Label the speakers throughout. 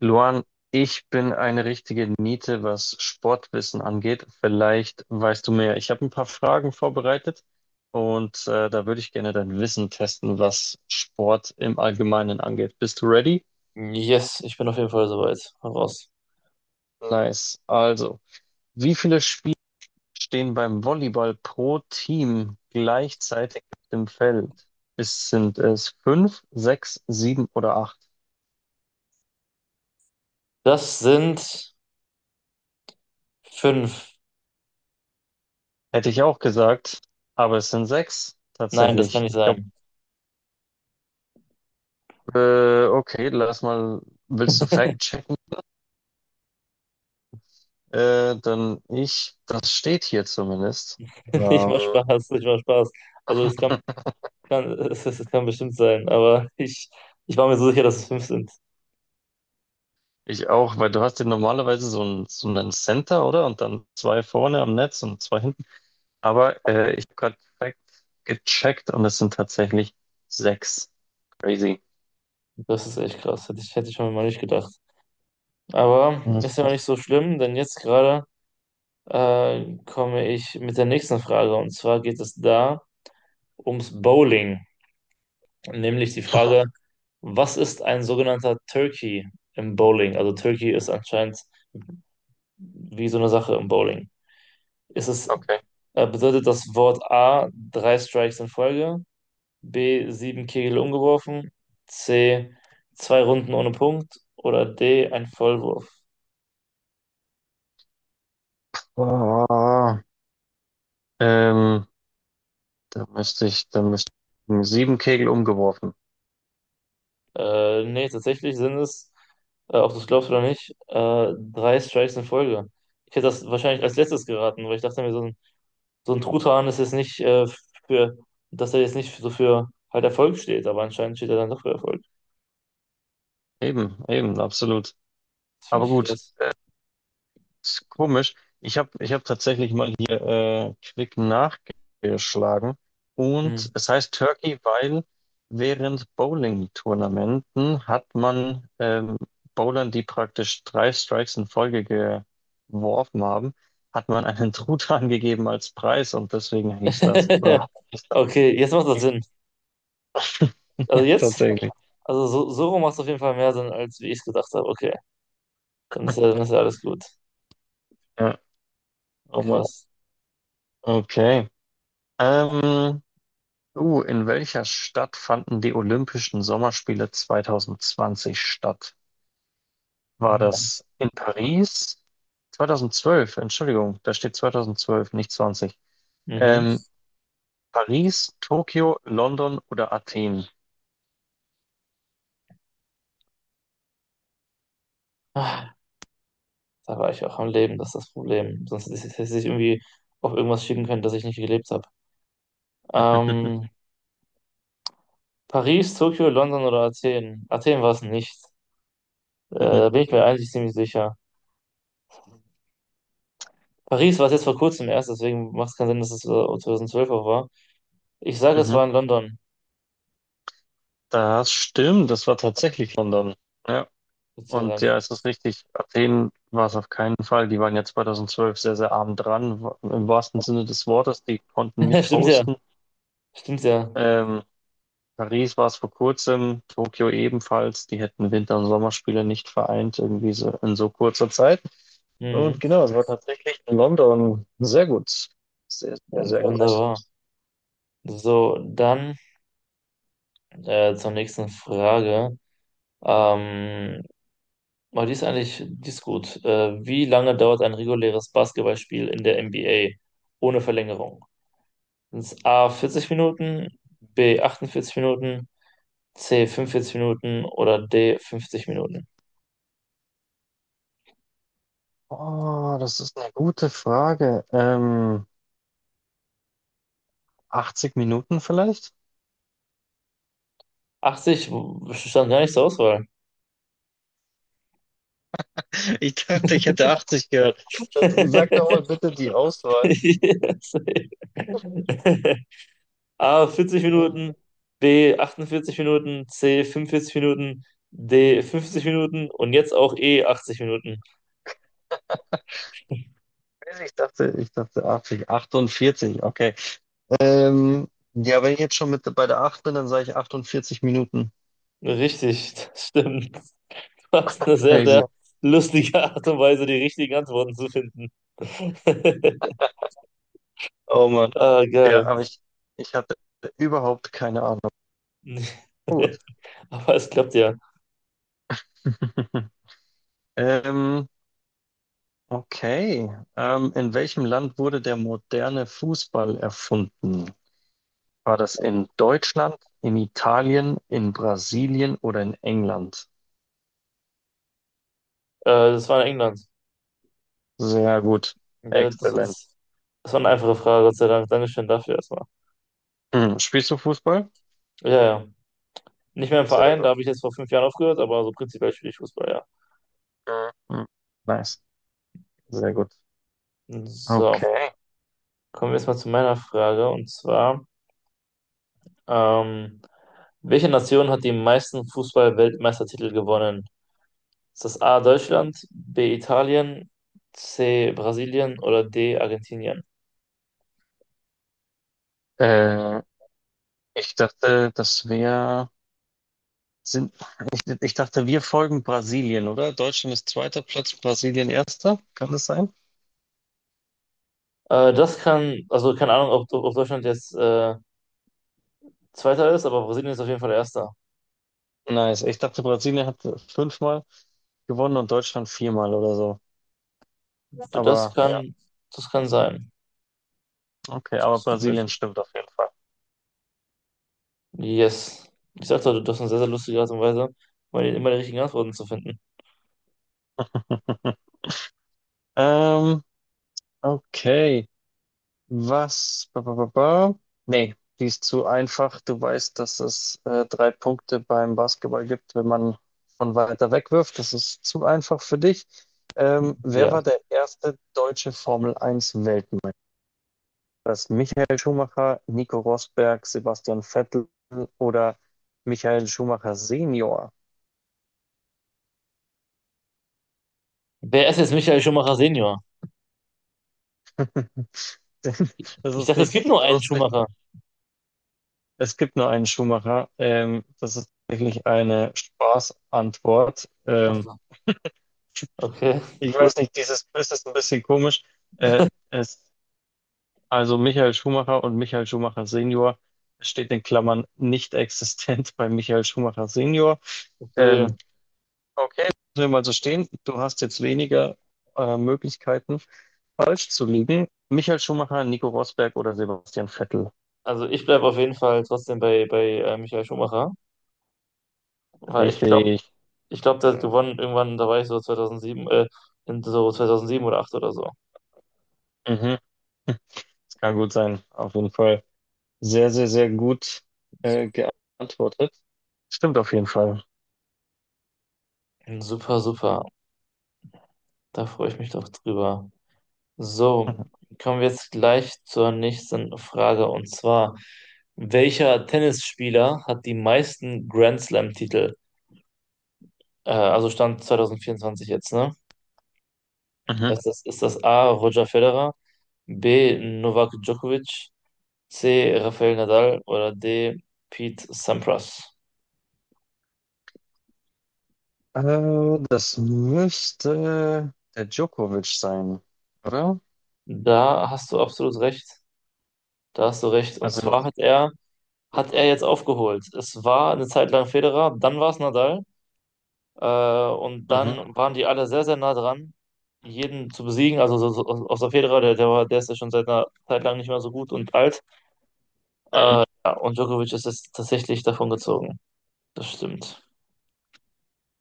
Speaker 1: Luan, ich bin eine richtige Niete, was Sportwissen angeht. Vielleicht weißt du mehr. Ich habe ein paar Fragen vorbereitet und da würde ich gerne dein Wissen testen, was Sport im Allgemeinen angeht. Bist du ready?
Speaker 2: Yes, ich bin auf jeden Fall soweit. Hau raus.
Speaker 1: Nice. Also, wie viele Spieler stehen beim Volleyball pro Team gleichzeitig auf dem Feld? Es sind es fünf, sechs, sieben oder acht?
Speaker 2: Das sind fünf.
Speaker 1: Hätte ich auch gesagt, aber es sind sechs
Speaker 2: Nein, das kann
Speaker 1: tatsächlich.
Speaker 2: nicht
Speaker 1: Ich glaube.
Speaker 2: sein.
Speaker 1: Okay, lass mal, willst du Fact checken? Dann das steht hier zumindest.
Speaker 2: Ich mach
Speaker 1: Ähm,
Speaker 2: Spaß, ich mach Spaß. Also es kann bestimmt sein, aber ich war mir so sicher, dass es fünf sind.
Speaker 1: ich auch, weil du hast ja normalerweise so einen Center, oder? Und dann zwei vorne am Netz und zwei hinten. Aber ich habe gerade Fact gecheckt und es sind tatsächlich sechs. Crazy.
Speaker 2: Das ist echt krass. Hätte ich schon mal nicht gedacht. Aber ist ja auch nicht so schlimm, denn jetzt gerade komme ich mit der nächsten Frage. Und zwar geht es da ums Bowling. Nämlich die Frage, was ist ein sogenannter Turkey im Bowling? Also Turkey ist anscheinend wie so eine Sache im Bowling. Ist es,
Speaker 1: Okay.
Speaker 2: bedeutet das Wort A drei Strikes in Folge, B sieben Kegel umgeworfen, C zwei Runden ohne Punkt oder D ein Vollwurf?
Speaker 1: Ah, ähm, da müsste ich sieben Kegel umgeworfen.
Speaker 2: Nee, tatsächlich sind es, ob du es glaubst oder nicht, drei Strikes in Folge. Ich hätte das wahrscheinlich als letztes geraten, weil ich dachte mir, so ein Truthahn ist jetzt nicht für, dass er jetzt nicht so für halt Erfolg steht, aber anscheinend steht er dann doch für Erfolg.
Speaker 1: Eben, eben, absolut.
Speaker 2: Das finde
Speaker 1: Aber
Speaker 2: ich
Speaker 1: gut.
Speaker 2: krass.
Speaker 1: Ist komisch. Ich hab tatsächlich mal hier quick nachgeschlagen. Und
Speaker 2: Hm.
Speaker 1: es heißt Turkey, weil während Bowling-Tournamenten hat man Bowlern, die praktisch drei Strikes in Folge geworfen haben, hat man einen Truthahn gegeben als Preis und deswegen hieß das. Oder hieß das,
Speaker 2: Okay, jetzt macht das
Speaker 1: hieß,
Speaker 2: Sinn. Also
Speaker 1: ja,
Speaker 2: jetzt,
Speaker 1: tatsächlich.
Speaker 2: also so rum macht es auf jeden Fall mehr Sinn, als wie ich es gedacht habe. Okay, dann ist ja alles gut.
Speaker 1: Ja, oh Mann.
Speaker 2: Krass.
Speaker 1: Okay. Ähm, Oh, in welcher Stadt fanden die Olympischen Sommerspiele 2020 statt? War
Speaker 2: Mhm.
Speaker 1: das in Paris? 2012, Entschuldigung, da steht 2012, nicht 20.
Speaker 2: Mhm.
Speaker 1: Ähm, Paris, Tokio, London oder Athen?
Speaker 2: Ah, da war ich auch am Leben, das ist das Problem. Sonst hätte ich irgendwie auf irgendwas schicken können, das ich nicht gelebt habe. Ähm, Paris, Tokio, London oder Athen? Athen war es nicht.
Speaker 1: Mhm,
Speaker 2: Da bin ich mir eigentlich ziemlich sicher. Paris war es jetzt vor kurzem erst, deswegen macht es keinen Sinn, dass es 2012 auch war. Ich sage, es
Speaker 1: mhm.
Speaker 2: war in London.
Speaker 1: Das stimmt, das war tatsächlich London. Ja,
Speaker 2: Gott sei
Speaker 1: und
Speaker 2: Dank.
Speaker 1: ja, es ist richtig. Athen war es auf keinen Fall. Die waren ja 2012 sehr, sehr arm dran, im wahrsten Sinne des Wortes. Die konnten nicht
Speaker 2: Stimmt ja,
Speaker 1: hosten.
Speaker 2: stimmt ja.
Speaker 1: Ähm, Paris war es vor kurzem, Tokio ebenfalls. Die hätten Winter- und Sommerspiele nicht vereint, irgendwie so in so kurzer Zeit. Und
Speaker 2: Mhm.
Speaker 1: genau, es war tatsächlich in London sehr gut. Sehr, sehr, sehr gut.
Speaker 2: Wunderbar. So, dann zur nächsten Frage. Ähm, oh, die ist gut. Wie lange dauert ein reguläres Basketballspiel in der NBA ohne Verlängerung? Sind A 40 Minuten, B 48 Minuten, C 45 Minuten oder D 50 Minuten?
Speaker 1: Oh, das ist eine gute Frage. 80 Minuten vielleicht?
Speaker 2: 80 stand gar nicht zur Auswahl.
Speaker 1: Ich dachte, ich hätte 80 gehört. Dann sag doch mal bitte die Auswahl.
Speaker 2: Yes. A vierzig
Speaker 1: Hm,
Speaker 2: Minuten, B 48 Minuten, C 45 Minuten, D 50 Minuten und jetzt auch E 80 Minuten.
Speaker 1: ich dachte 80, 48, okay. Ähm, ja, wenn ich jetzt schon mit bei der 8 bin, dann sage ich 48 Minuten.
Speaker 2: Richtig, das stimmt. Das ist eine sehr,
Speaker 1: Crazy.
Speaker 2: sehr lustige Art und Weise, die richtigen Antworten zu finden.
Speaker 1: Oh Mann.
Speaker 2: Ah,
Speaker 1: Ja,
Speaker 2: geil.
Speaker 1: aber ich hatte überhaupt keine Ahnung. Gut.
Speaker 2: Aber es klappt ja.
Speaker 1: Ähm, okay. In welchem Land wurde der moderne Fußball erfunden? War das in Deutschland, in Italien, in Brasilien oder in England?
Speaker 2: Das war in England.
Speaker 1: Sehr gut.
Speaker 2: Ja,
Speaker 1: Exzellent.
Speaker 2: das war eine einfache Frage, Gott sei Dank. Dankeschön dafür erstmal.
Speaker 1: Hm. Spielst du Fußball?
Speaker 2: Ja, ja. Nicht mehr im
Speaker 1: Sehr
Speaker 2: Verein,
Speaker 1: gut.
Speaker 2: da habe ich jetzt vor 5 Jahren aufgehört, aber so prinzipiell spiele ich Fußball, ja.
Speaker 1: Mhm. Nice. Sehr gut.
Speaker 2: So.
Speaker 1: Okay.
Speaker 2: Kommen wir jetzt mal zu meiner Frage und zwar, ähm, welche Nation hat die meisten Fußball-Weltmeistertitel gewonnen? Ist das A Deutschland, B Italien, C Brasilien oder D Argentinien?
Speaker 1: Äh, ich dachte, das wäre. Sind, ich dachte, wir folgen Brasilien, oder? Deutschland ist zweiter Platz, Brasilien erster. Kann das sein?
Speaker 2: Also keine Ahnung, ob Deutschland jetzt Zweiter ist, aber Brasilien ist auf jeden Fall Erster.
Speaker 1: Nice. Ich dachte, Brasilien hat fünfmal gewonnen und Deutschland viermal oder so.
Speaker 2: Das
Speaker 1: Aber ja,
Speaker 2: kann, das kann sein.
Speaker 1: okay,
Speaker 2: Das
Speaker 1: aber
Speaker 2: ist gut
Speaker 1: Brasilien
Speaker 2: möglich.
Speaker 1: stimmt auf jeden Fall.
Speaker 2: Yes. Ich sagte, du hast eine sehr, sehr lustige Art und Weise, immer die richtigen Antworten zu finden.
Speaker 1: Ähm, okay. Was? Ba, ba, ba, ba. Nee, die ist zu einfach. Du weißt, dass es drei Punkte beim Basketball gibt, wenn man von weiter weg wirft. Das ist zu einfach für dich. Wer
Speaker 2: Ja.
Speaker 1: war der erste deutsche Formel Eins Weltmeister? Das ist Michael Schumacher, Nico Rosberg, Sebastian Vettel oder Michael Schumacher Senior?
Speaker 2: Wer ist jetzt Michael Schumacher Senior?
Speaker 1: Das
Speaker 2: Ich
Speaker 1: ist
Speaker 2: dachte, es gibt
Speaker 1: richtig
Speaker 2: nur einen
Speaker 1: lustig.
Speaker 2: Schumacher.
Speaker 1: Es gibt nur einen Schumacher. Das ist wirklich eine Spaßantwort.
Speaker 2: Ach so, okay,
Speaker 1: Ich
Speaker 2: cool.
Speaker 1: weiß nicht, dieses Quiz ist ein bisschen komisch. Äh, es, also Michael Schumacher und Michael Schumacher Senior. Es steht in Klammern nicht existent bei Michael Schumacher Senior. Ähm,
Speaker 2: Verstehe.
Speaker 1: okay, lassen wir mal so stehen. Du hast jetzt weniger Möglichkeiten, falsch zu liegen. Michael Schumacher, Nico Rosberg oder Sebastian Vettel.
Speaker 2: Also ich bleibe auf jeden Fall trotzdem bei Michael Schumacher, weil ich glaube,
Speaker 1: Richtig.
Speaker 2: der hat gewonnen irgendwann, da war ich so 2007, in so 2007 oder 8 oder so.
Speaker 1: Mhm. Das kann gut sein. Auf jeden Fall sehr, sehr, sehr gut geantwortet. Stimmt auf jeden Fall.
Speaker 2: Super, super. Da freue ich mich doch drüber. So,
Speaker 1: Mhm.
Speaker 2: kommen wir jetzt gleich zur nächsten Frage und zwar, welcher Tennisspieler hat die meisten Grand Slam-Titel? Also Stand 2024 jetzt, ne?
Speaker 1: Mhm.
Speaker 2: Ist das A, Roger Federer, B, Novak Djokovic, C. Rafael Nadal oder D. Pete Sampras.
Speaker 1: Das müsste der Djokovic sein, oder?
Speaker 2: Da hast du absolut recht. Da hast du recht. Und
Speaker 1: Also,
Speaker 2: zwar hat er, jetzt aufgeholt. Es war eine Zeit lang Federer, dann war es Nadal. Äh, und
Speaker 1: mhm.
Speaker 2: dann waren die alle sehr, sehr nah dran, jeden zu besiegen. Also außer Federer, der ist ja schon seit einer Zeit lang nicht mehr so gut und alt.
Speaker 1: Mhm.
Speaker 2: Ja, und Djokovic ist jetzt tatsächlich davon gezogen. Das stimmt.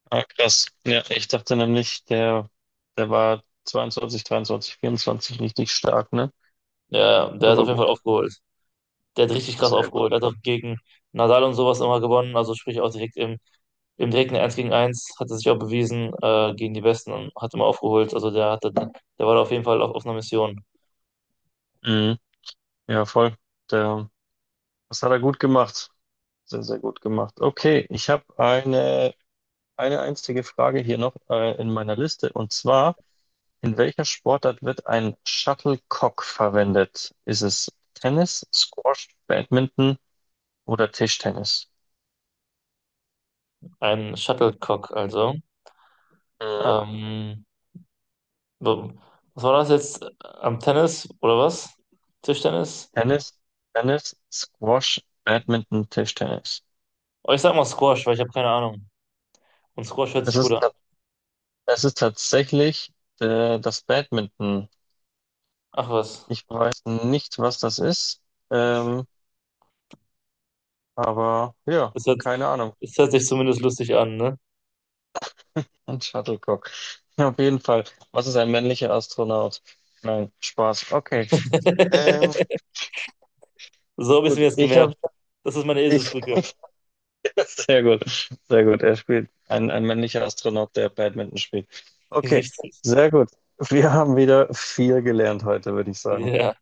Speaker 1: Ah, krass. Ja, ich dachte nämlich, der war 22, 23, 24 richtig stark, ne?
Speaker 2: Ja, ja, der hat auf
Speaker 1: Aber
Speaker 2: jeden
Speaker 1: gut,
Speaker 2: Fall aufgeholt. Der hat richtig krass
Speaker 1: sehr gut.
Speaker 2: aufgeholt. Hat auch gegen Nadal und sowas immer gewonnen. Also sprich auch direkt im direkten Eins gegen Eins hat er sich auch bewiesen gegen die Besten und hat immer aufgeholt. Also der war da auf jeden Fall auf einer Mission.
Speaker 1: Mhm. Ja, voll. Der, das hat er gut gemacht. Sehr, sehr gut gemacht. Okay, ich habe eine einzige Frage hier noch in meiner Liste. Und zwar, in welcher Sportart wird ein Shuttlecock verwendet? Ist es Tennis, Squash, Badminton oder Tischtennis?
Speaker 2: Ein Shuttlecock also.
Speaker 1: Mhm.
Speaker 2: Ähm, so, was war das jetzt? Am Tennis oder was? Tischtennis?
Speaker 1: Tennis, Tennis, Squash, Badminton, Tischtennis.
Speaker 2: Oh, ich sag mal Squash, weil ich habe keine Ahnung. Und Squash hört
Speaker 1: Es
Speaker 2: sich gut
Speaker 1: ist,
Speaker 2: an.
Speaker 1: ta- es ist tatsächlich das Badminton.
Speaker 2: Ach was.
Speaker 1: Ich weiß nicht, was das ist, ähm, aber ja,
Speaker 2: Das hört,
Speaker 1: keine Ahnung.
Speaker 2: das hört sich zumindest lustig an, ne?
Speaker 1: Ein Shuttlecock. Auf jeden Fall. Was ist ein männlicher Astronaut? Nein, Spaß. Okay. Ähm,
Speaker 2: So habe ich es mir
Speaker 1: gut,
Speaker 2: jetzt gemerkt. Das ist meine
Speaker 1: ich,
Speaker 2: Eselsbrücke.
Speaker 1: sehr gut, sehr gut. Er spielt ein männlicher Astronaut, der Badminton spielt. Okay,
Speaker 2: Richtig.
Speaker 1: sehr gut. Wir haben wieder viel gelernt heute, würde ich sagen.
Speaker 2: Ja.